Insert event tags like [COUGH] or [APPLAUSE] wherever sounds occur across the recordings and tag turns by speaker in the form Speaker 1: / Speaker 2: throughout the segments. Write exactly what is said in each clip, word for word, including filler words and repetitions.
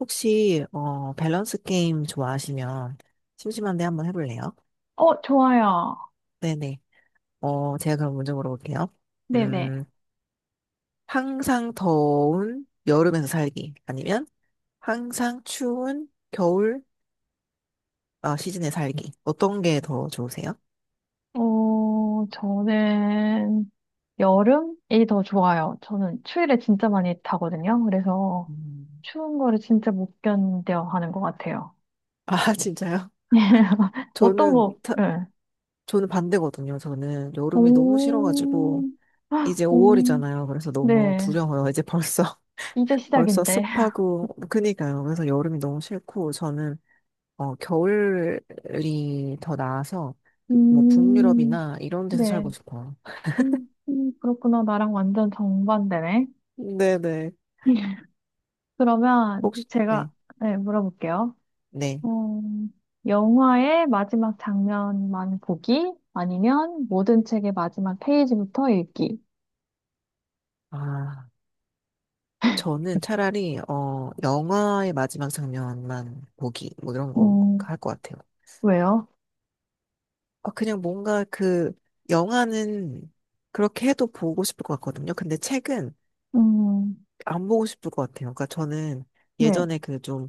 Speaker 1: 혹시 어 밸런스 게임 좋아하시면 심심한데 한번 해볼래요?
Speaker 2: 어, 좋아요.
Speaker 1: 네네. 어 제가 그럼 먼저 물어볼게요.
Speaker 2: 네네.
Speaker 1: 음, 항상 더운 여름에서 살기 아니면 항상 추운 겨울 아, 시즌에 살기 어떤 게 더 좋으세요?
Speaker 2: 어, 저는 여름이 더 좋아요. 저는 추위를 진짜 많이 타거든요. 그래서
Speaker 1: 음.
Speaker 2: 추운 거를 진짜 못 견뎌 하는 것 같아요.
Speaker 1: 아 [LAUGHS] 진짜요?
Speaker 2: [LAUGHS] 어떤
Speaker 1: 저는
Speaker 2: 거,
Speaker 1: 타-
Speaker 2: 네.
Speaker 1: 저는 반대거든요. 저는 여름이 너무
Speaker 2: 오,
Speaker 1: 싫어가지고
Speaker 2: 아,
Speaker 1: 이제
Speaker 2: 오,
Speaker 1: 오 월이잖아요. 그래서 너무
Speaker 2: 네.
Speaker 1: 두려워요. 이제 벌써
Speaker 2: 이제
Speaker 1: 벌써
Speaker 2: 시작인데. [LAUGHS]
Speaker 1: 습하고, 그니까요. 그래서 여름이 너무 싫고, 저는, 어, 겨울이 더 나아서, 뭐,
Speaker 2: 음,
Speaker 1: 북유럽이나 이런 데서 살고
Speaker 2: 네.
Speaker 1: 싶어요.
Speaker 2: 음, 그렇구나. 나랑 완전 정반대네.
Speaker 1: 네네.
Speaker 2: [LAUGHS] 그러면
Speaker 1: 혹시,
Speaker 2: 제가,
Speaker 1: 네,
Speaker 2: 네, 물어볼게요.
Speaker 1: 네.
Speaker 2: 어, 영화의 마지막 장면만 보기 아니면 모든 책의 마지막 페이지부터 읽기.
Speaker 1: 아, 저는 차라리, 어, 영화의 마지막 장면만 보기, 뭐 이런 거
Speaker 2: 음,
Speaker 1: 할 것 같아요.
Speaker 2: 왜요?
Speaker 1: 아, 그냥 뭔가 그, 영화는 그렇게 해도 보고 싶을 것 같거든요. 근데 책은
Speaker 2: 음,
Speaker 1: 안 보고 싶을 것 같아요. 그러니까 저는
Speaker 2: 네,
Speaker 1: 예전에 그좀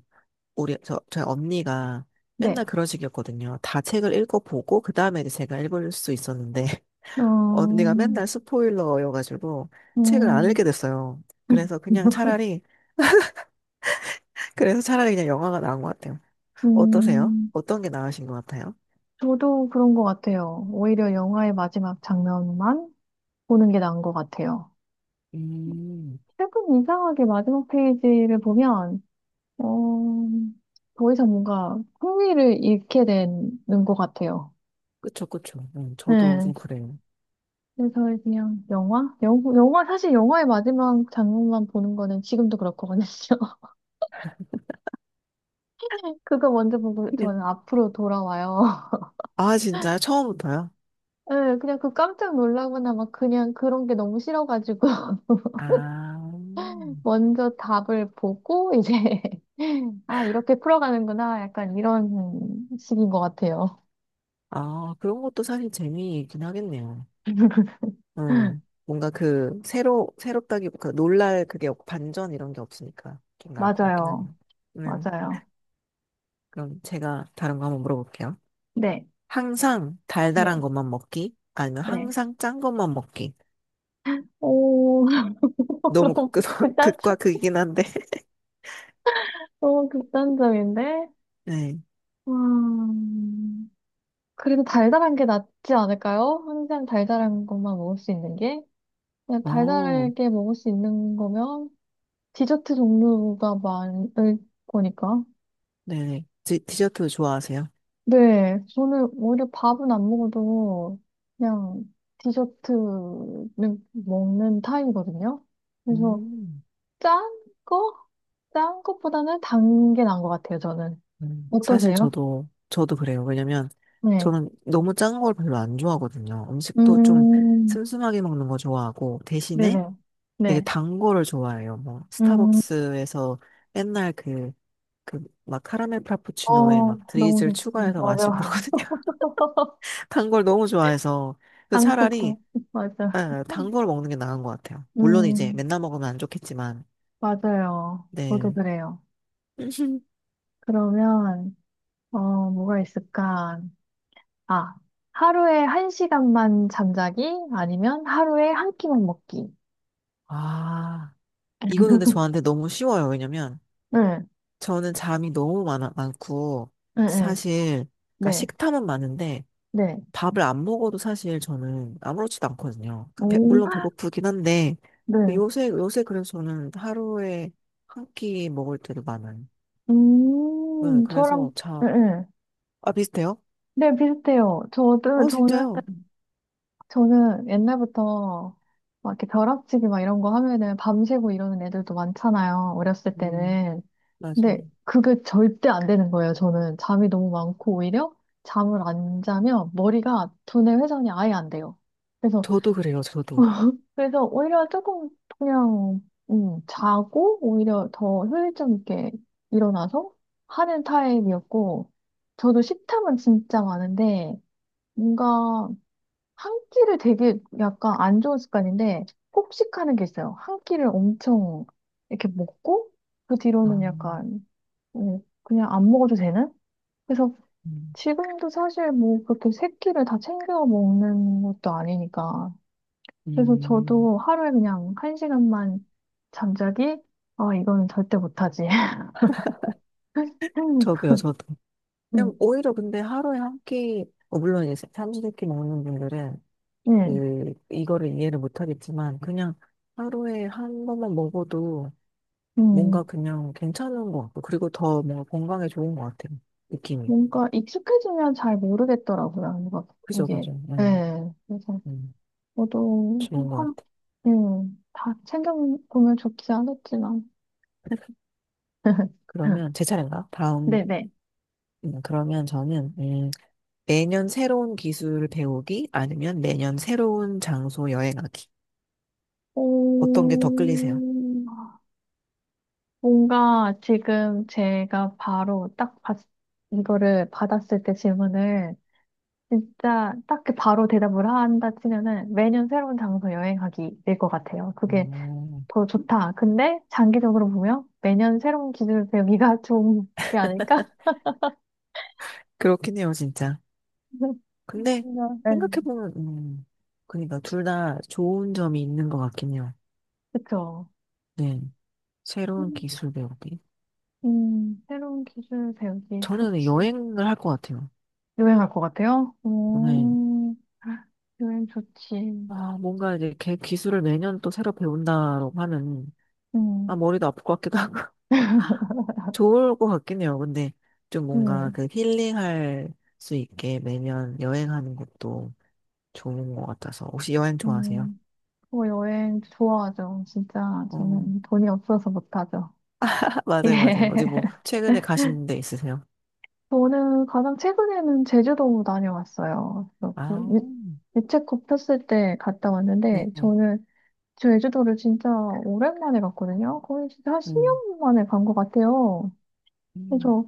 Speaker 1: 우리, 저, 저희 언니가 맨날
Speaker 2: 네.
Speaker 1: 그런 식이었거든요. 다 책을 읽어보고, 그 다음에 이제 제가 읽을 수 있었는데, [LAUGHS] 언니가 맨날
Speaker 2: 음,
Speaker 1: 스포일러여가지고, 책을 안 읽게
Speaker 2: 음,
Speaker 1: 됐어요. 그래서 그냥 차라리, 그래서 차라리 그냥 영화가 나은 것 같아요. 어떠세요?
Speaker 2: 음,
Speaker 1: 어떤 게 나으신 것 같아요?
Speaker 2: 저도 그런 것 같아요. 오히려 영화의 마지막 장면만 보는 게 나은 것 같아요.
Speaker 1: 음,
Speaker 2: 책은 이상하게 마지막 페이지를 보면, 어, 더 이상 뭔가 흥미를 잃게 되는 것 같아요.
Speaker 1: 그쵸, 그쵸. 음, 저도
Speaker 2: 네.
Speaker 1: 좀 그래요.
Speaker 2: 그래서 그냥 영화? 영화, 영화 사실 영화의 마지막 장면만 보는 거는 지금도 그렇거든요. [LAUGHS] 그거 먼저 보고
Speaker 1: 네.
Speaker 2: 저는 앞으로 돌아와요.
Speaker 1: 아, 진짜요? 처음부터요?
Speaker 2: [LAUGHS] 네, 그냥 그 깜짝 놀라거나 막 그냥 그런 게 너무 싫어가지고 [LAUGHS]
Speaker 1: 아,
Speaker 2: 먼저 답을 보고 이제 [LAUGHS] 아 이렇게 풀어가는구나 약간 이런 식인 것 같아요.
Speaker 1: 아, 그런 것도 사실 재미있긴 하겠네요. 음,
Speaker 2: [LAUGHS]
Speaker 1: 뭔가 그 새로 새롭다기보다 놀랄 그게 없고 반전 이런 게 없으니까 좀 나을 것 같긴
Speaker 2: 맞아요.
Speaker 1: 하네요. 음,
Speaker 2: 맞아요.
Speaker 1: 그럼 제가 다른 거 한번 물어볼게요.
Speaker 2: 네.
Speaker 1: 항상 달달한
Speaker 2: 네.
Speaker 1: 것만 먹기 아니면
Speaker 2: 네.
Speaker 1: 항상 짠 것만 먹기.
Speaker 2: 오 [LAUGHS]
Speaker 1: 너무
Speaker 2: 너무
Speaker 1: 극, [LAUGHS]
Speaker 2: 극단
Speaker 1: 극과 극이긴 한데. [LAUGHS]
Speaker 2: 너무 극단적인데.
Speaker 1: 네.
Speaker 2: 와. 그래도 달달한 게 낫지 않을까요? 항상 달달한 것만 먹을 수 있는 게. 그냥
Speaker 1: 어,
Speaker 2: 달달하게 먹을 수 있는 거면 디저트 종류가 많을 거니까.
Speaker 1: 네네. 디, 디저트 좋아하세요?
Speaker 2: 네, 저는 오히려 밥은 안 먹어도 그냥 디저트는 먹는 타입이거든요. 그래서
Speaker 1: 음,
Speaker 2: 짠 거? 짠 것보다는 단 게 나은 것 같아요, 저는.
Speaker 1: 음. 사실
Speaker 2: 어떠세요?
Speaker 1: 저도 저도 그래요. 왜냐면
Speaker 2: 네.
Speaker 1: 저는 너무 짠 걸 별로 안 좋아하거든요. 음식도 좀
Speaker 2: 음,
Speaker 1: 슴슴하게 먹는 거 좋아하고, 대신에
Speaker 2: 네네.
Speaker 1: 되게
Speaker 2: 네.
Speaker 1: 단 거를 좋아해요. 뭐
Speaker 2: 음,
Speaker 1: 스타벅스에서 옛날 그 그 막 카라멜 프라푸치노에
Speaker 2: 어,
Speaker 1: 막
Speaker 2: 너무
Speaker 1: 드리즐
Speaker 2: 좋지.
Speaker 1: 추가해서
Speaker 2: 맞아.
Speaker 1: 마시고 그러거든요. [LAUGHS] 단 걸 너무 좋아해서
Speaker 2: [LAUGHS]
Speaker 1: 그 차라리,
Speaker 2: 한국도. 맞아.
Speaker 1: 예, 단걸 먹는 게 나은 것 같아요. 물론 이제
Speaker 2: 음,
Speaker 1: 맨날 먹으면 안 좋겠지만.
Speaker 2: 맞아요. 저도
Speaker 1: 네.
Speaker 2: 그래요.
Speaker 1: [LAUGHS]
Speaker 2: 그러면, 어, 뭐가 있을까? 아, 하루에 한 시간만 잠자기? 아니면 하루에 한 끼만 먹기?
Speaker 1: 아, 이거는 근데 저한테 너무 쉬워요. 왜냐면
Speaker 2: 응,
Speaker 1: 저는 잠이 너무 많아, 많고,
Speaker 2: 응, 응.
Speaker 1: 사실 그러니까
Speaker 2: 네,
Speaker 1: 식탐은 많은데
Speaker 2: 네.
Speaker 1: 밥을 안 먹어도 사실 저는 아무렇지도 않거든요. 그 배-
Speaker 2: 오,
Speaker 1: 물론 배고프긴 한데,
Speaker 2: 네.
Speaker 1: 요새 요새 그래서 저는 하루에 한 끼 먹을 때도 많아요. 네,
Speaker 2: 음,
Speaker 1: 그래서
Speaker 2: 저랑,
Speaker 1: 자,
Speaker 2: 응, 응.
Speaker 1: 아 비슷해요?
Speaker 2: 네, 비슷해요. 저도,
Speaker 1: 어
Speaker 2: 저는
Speaker 1: 진짜요?
Speaker 2: 저는 옛날부터 막 이렇게 벼락치기 막 이런 거 하면은 밤새고 이러는 애들도 많잖아요. 어렸을
Speaker 1: 음,
Speaker 2: 때는.
Speaker 1: 맞아요.
Speaker 2: 근데 그게 절대 안 되는 거예요. 저는 잠이 너무 많고 오히려 잠을 안 자면 머리가 두뇌 회전이 아예 안 돼요. 그래서
Speaker 1: 저도 그래요, 저도.
Speaker 2: [LAUGHS] 그래서 오히려 조금 그냥 음, 자고 오히려 더 효율적 있게 일어나서 하는 타입이었고 저도 식탐은 진짜 많은데 뭔가 한 끼를 되게 약간 안 좋은 습관인데 폭식하는 게 있어요. 한 끼를 엄청 이렇게 먹고 그
Speaker 1: 아,
Speaker 2: 뒤로는 약간 어, 그냥 안 먹어도 되는? 그래서
Speaker 1: 음,
Speaker 2: 지금도 사실 뭐 그렇게 세 끼를 다 챙겨 먹는 것도 아니니까. 그래서
Speaker 1: 음,
Speaker 2: 저도 하루에 그냥 한 시간만 잠자기? 아, 이거는 절대 못하지. [LAUGHS] 음,
Speaker 1: 저도요, 저도. 그냥
Speaker 2: 음,
Speaker 1: 오히려 근데 하루에 한 끼, 어, 물론 이제 삼시세끼 먹는 분들은
Speaker 2: 음.
Speaker 1: 그 이거를 이해를 못 하겠지만 그냥 하루에 한 번만 먹어도
Speaker 2: 음.
Speaker 1: 뭔가 그냥 괜찮은 것 같고, 그리고 더 뭔가 건강에 좋은 것 같아요. 느낌이.
Speaker 2: 뭔가 익숙해지면 잘 모르겠더라고요. 뭔가
Speaker 1: 그죠,
Speaker 2: 이게,
Speaker 1: 그죠. 음,
Speaker 2: 예. 그래서
Speaker 1: 음,
Speaker 2: 저도
Speaker 1: 좋은 것 같아요.
Speaker 2: 음, 다 챙겨보면 좋지 않았지만.
Speaker 1: 그러면
Speaker 2: [LAUGHS]
Speaker 1: 제 차례인가? 다음,
Speaker 2: 네네.
Speaker 1: 음, 그러면 저는, 음, 매년 새로운 기술 배우기, 아니면 매년 새로운 장소 여행하기.
Speaker 2: 오,
Speaker 1: 어떤 게 더 끌리세요?
Speaker 2: 뭔가 지금 제가 바로 딱 봤, 이거를 받았을 때 질문을 진짜 딱 그 바로 대답을 한다 치면은 매년 새로운 장소 여행하기 될 것 같아요. 그게
Speaker 1: 음,
Speaker 2: 더 좋다. 근데 장기적으로 보면 매년 새로운 기술을 배우기가 [LAUGHS] 좋은 게 아닐까?
Speaker 1: 그렇긴 해요, 진짜.
Speaker 2: [LAUGHS]
Speaker 1: 근데
Speaker 2: 뭔가, 네.
Speaker 1: 생각해보면, 음, 그러니까 둘 다 좋은 점이 있는 것 같긴 해요.
Speaker 2: 그쵸.
Speaker 1: 네. 새로운 기술 배우기.
Speaker 2: 음, 새로운 기술 배우기
Speaker 1: 저는
Speaker 2: 좋지.
Speaker 1: 여행을 할 것 같아요.
Speaker 2: 여행 할 것 같아요?
Speaker 1: 오늘
Speaker 2: 음, 여행 좋지.
Speaker 1: 아, 뭔가 이제 걔 기술을 매년 또 새로 배운다라고 하면, 아,
Speaker 2: 음,
Speaker 1: 머리도 아플 것 같기도 하고, [LAUGHS] 좋을 것 같긴 해요. 근데 좀 뭔가
Speaker 2: 음,
Speaker 1: 그 힐링할 수 있게 매년 여행하는 것도 좋은 것 같아서. 혹시 여행 좋아하세요?
Speaker 2: 음. 뭐 여행 좋아하죠. 진짜
Speaker 1: 어,
Speaker 2: 저는 돈이 없어서 못하죠.
Speaker 1: [LAUGHS]
Speaker 2: [LAUGHS] 예.
Speaker 1: 맞아요, 맞아요. 어디 뭐, 최근에 가신 데 있으세요?
Speaker 2: 저는 가장 최근에는 제주도 다녀왔어요. 그래서 그
Speaker 1: 아,
Speaker 2: 유- 유채꽃 폈을 때 갔다
Speaker 1: 네.
Speaker 2: 왔는데 저는 제주도를 진짜 오랜만에 갔거든요. 거의 진짜 한
Speaker 1: 음,
Speaker 2: 십 년 만에 간 것 같아요.
Speaker 1: 음,
Speaker 2: 그래서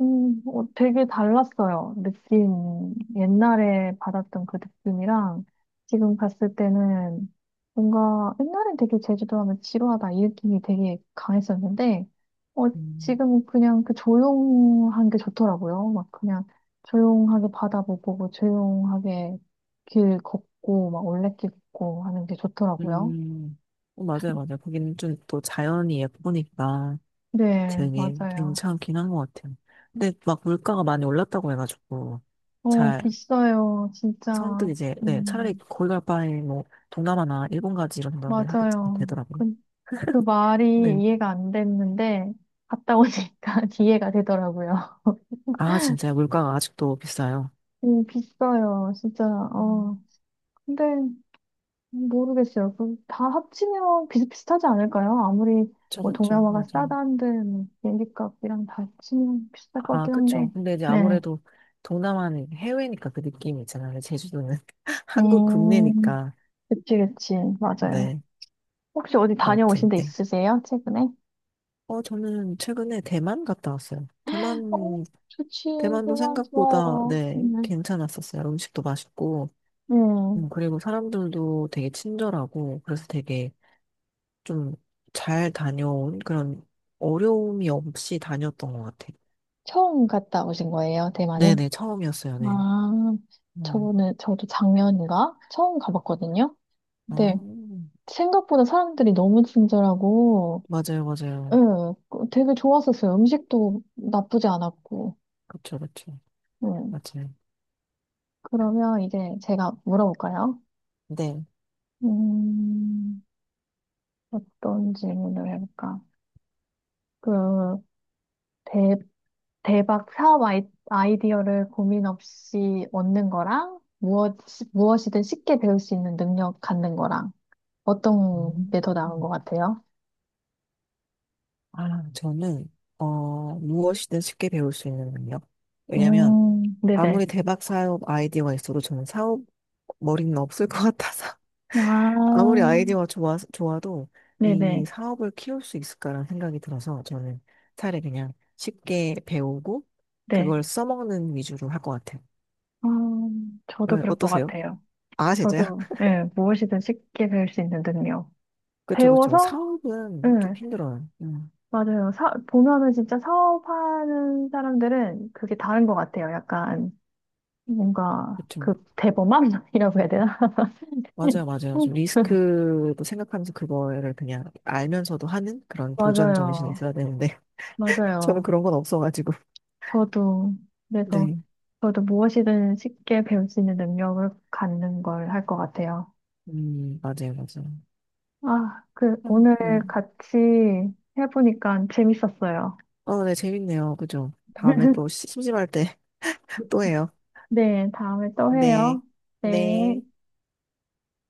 Speaker 2: 음, 어, 되게 달랐어요. 느낌. 옛날에 받았던 그 느낌이랑 지금 갔을 때는 뭔가 옛날엔 되게 제주도 하면 지루하다 이 느낌이 되게 강했었는데, 어,
Speaker 1: 음,
Speaker 2: 지금 그냥 그 조용한 게 좋더라고요. 막 그냥 조용하게 바다 보고 뭐 조용하게 길 걷고 막 올레길 걷고 하는 게 좋더라고요.
Speaker 1: 음. 어, 맞아요, 맞아요. 거기는 좀 또 자연이 예쁘니까
Speaker 2: 네,
Speaker 1: 되게
Speaker 2: 맞아요.
Speaker 1: 괜찮긴 한 것 같아요. 근데 막 물가가 많이 올랐다고 해가지고
Speaker 2: 어,
Speaker 1: 잘
Speaker 2: 비싸요. 진짜.
Speaker 1: 선뜻 이제 네 차라리
Speaker 2: 음,
Speaker 1: 거기 갈 바에 뭐 동남아나 일본 가지 이런 생각을 하게
Speaker 2: 맞아요.
Speaker 1: 되더라고요.
Speaker 2: 그 말이
Speaker 1: 네.
Speaker 2: 이해가 안 됐는데, 갔다 오니까 [LAUGHS] 이해가 되더라고요.
Speaker 1: 아 진짜 요 물가가 아직도 비싸요.
Speaker 2: 음, 비싸요, 진짜. 어.
Speaker 1: 음,
Speaker 2: 근데, 모르겠어요. 그다 합치면 비슷비슷하지 않을까요? 아무리,
Speaker 1: 그쵸
Speaker 2: 뭐,
Speaker 1: 그쵸
Speaker 2: 동남아가
Speaker 1: 맞아요.
Speaker 2: 싸다는데, 뭐, 비행기 값이랑 다 합치면 비슷할 것
Speaker 1: 아
Speaker 2: 같긴 한데.
Speaker 1: 그쵸. 근데 이제
Speaker 2: 네.
Speaker 1: 아무래도 동남아는 해외니까 그 느낌이 있잖아요. 제주도는 [LAUGHS] 한국
Speaker 2: 음,
Speaker 1: 국내니까.
Speaker 2: 그치, 그치. 맞아요.
Speaker 1: 네
Speaker 2: 혹시 어디 다녀오신
Speaker 1: 아무튼
Speaker 2: 데
Speaker 1: 네.
Speaker 2: 있으세요? 최근에?
Speaker 1: 어 저는 최근에 대만 갔다 왔어요.
Speaker 2: 어,
Speaker 1: 대만,
Speaker 2: 좋지.
Speaker 1: 대만도
Speaker 2: 대만
Speaker 1: 생각보다,
Speaker 2: 좋아요.
Speaker 1: 네,
Speaker 2: 음.
Speaker 1: 괜찮았었어요. 음식도 맛있고,
Speaker 2: 음.
Speaker 1: 음, 그리고 사람들도 되게 친절하고, 그래서 되게 좀 잘 다녀온 그런 어려움이 없이 다녔던 것 같아요.
Speaker 2: 처음 갔다 오신 거예요, 대만은?
Speaker 1: 네네, 처음이었어요, 네.
Speaker 2: 아,
Speaker 1: 음,
Speaker 2: 저는, 저도 작년인가? 처음 가봤거든요?
Speaker 1: 아,
Speaker 2: 근데 생각보다 사람들이 너무 친절하고,
Speaker 1: 맞아요,
Speaker 2: 예,
Speaker 1: 맞아요.
Speaker 2: 그- 되게 좋았었어요. 음식도 나쁘지 않았고,
Speaker 1: 그쵸, 그쵸.
Speaker 2: 음.
Speaker 1: 맞아요.
Speaker 2: 그러면 이제 제가 물어볼까요?
Speaker 1: 네.
Speaker 2: 음, 어떤 질문을 해볼까? 그, 대, 대박 사업 아이, 아이디어를 고민 없이 얻는 거랑, 무엇, 무엇이든 쉽게 배울 수 있는 능력 갖는 거랑, 어떤
Speaker 1: 음.
Speaker 2: 게 더 나은 것 같아요?
Speaker 1: 아, 저는, 어, 무엇이든 쉽게 배울 수 있는 능력. 왜냐면,
Speaker 2: 음, 네네.
Speaker 1: 아무리 대박 사업 아이디어가 있어도 저는 사업 머리는 없을 것 같아서. 아무리
Speaker 2: 아,
Speaker 1: 아이디어가 좋아, 좋아도 이
Speaker 2: 네네.
Speaker 1: 사업을 키울 수 있을까라는 생각이 들어서 저는 차라리 그냥 쉽게 배우고
Speaker 2: 네.
Speaker 1: 그걸 써먹는 위주로 할 것 같아요.
Speaker 2: 아, 저도
Speaker 1: 네,
Speaker 2: 그럴 것
Speaker 1: 어떠세요?
Speaker 2: 같아요.
Speaker 1: 아, 진짜요?
Speaker 2: 저도,
Speaker 1: [LAUGHS]
Speaker 2: 예, 무엇이든 쉽게 배울 수 있는 능력.
Speaker 1: 그쵸, 그쵸.
Speaker 2: 배워서, 예,
Speaker 1: 사업은 좀 힘들어요. 음,
Speaker 2: 맞아요. 사, 보면은 진짜 사업하는 사람들은 그게 다른 것 같아요. 약간, 뭔가,
Speaker 1: 그쵸.
Speaker 2: 그, 대범함이라고 [LAUGHS] 해야 되나?
Speaker 1: 맞아요, 맞아요. 좀
Speaker 2: [LAUGHS]
Speaker 1: 리스크도 생각하면서 그거를 그냥 알면서도 하는 그런 도전 정신이
Speaker 2: 맞아요.
Speaker 1: 있어야 되는데 [LAUGHS] 저는
Speaker 2: 맞아요.
Speaker 1: 그런 건 없어가지고.
Speaker 2: 저도, 그래서,
Speaker 1: 네.
Speaker 2: 저도 무엇이든 쉽게 배울 수 있는 능력을 갖는 걸 할 것 같아요.
Speaker 1: 음, 맞아요, 맞아요.
Speaker 2: 아, 그,
Speaker 1: 아,
Speaker 2: 오늘
Speaker 1: 네.
Speaker 2: 같이 해보니까 재밌었어요.
Speaker 1: 어, 네, 재밌네요. 그죠? 다음에 또 시- 심심할 때 [LAUGHS] 또 해요.
Speaker 2: 네, 다음에 또
Speaker 1: 네,
Speaker 2: 해요.
Speaker 1: 네.
Speaker 2: 네.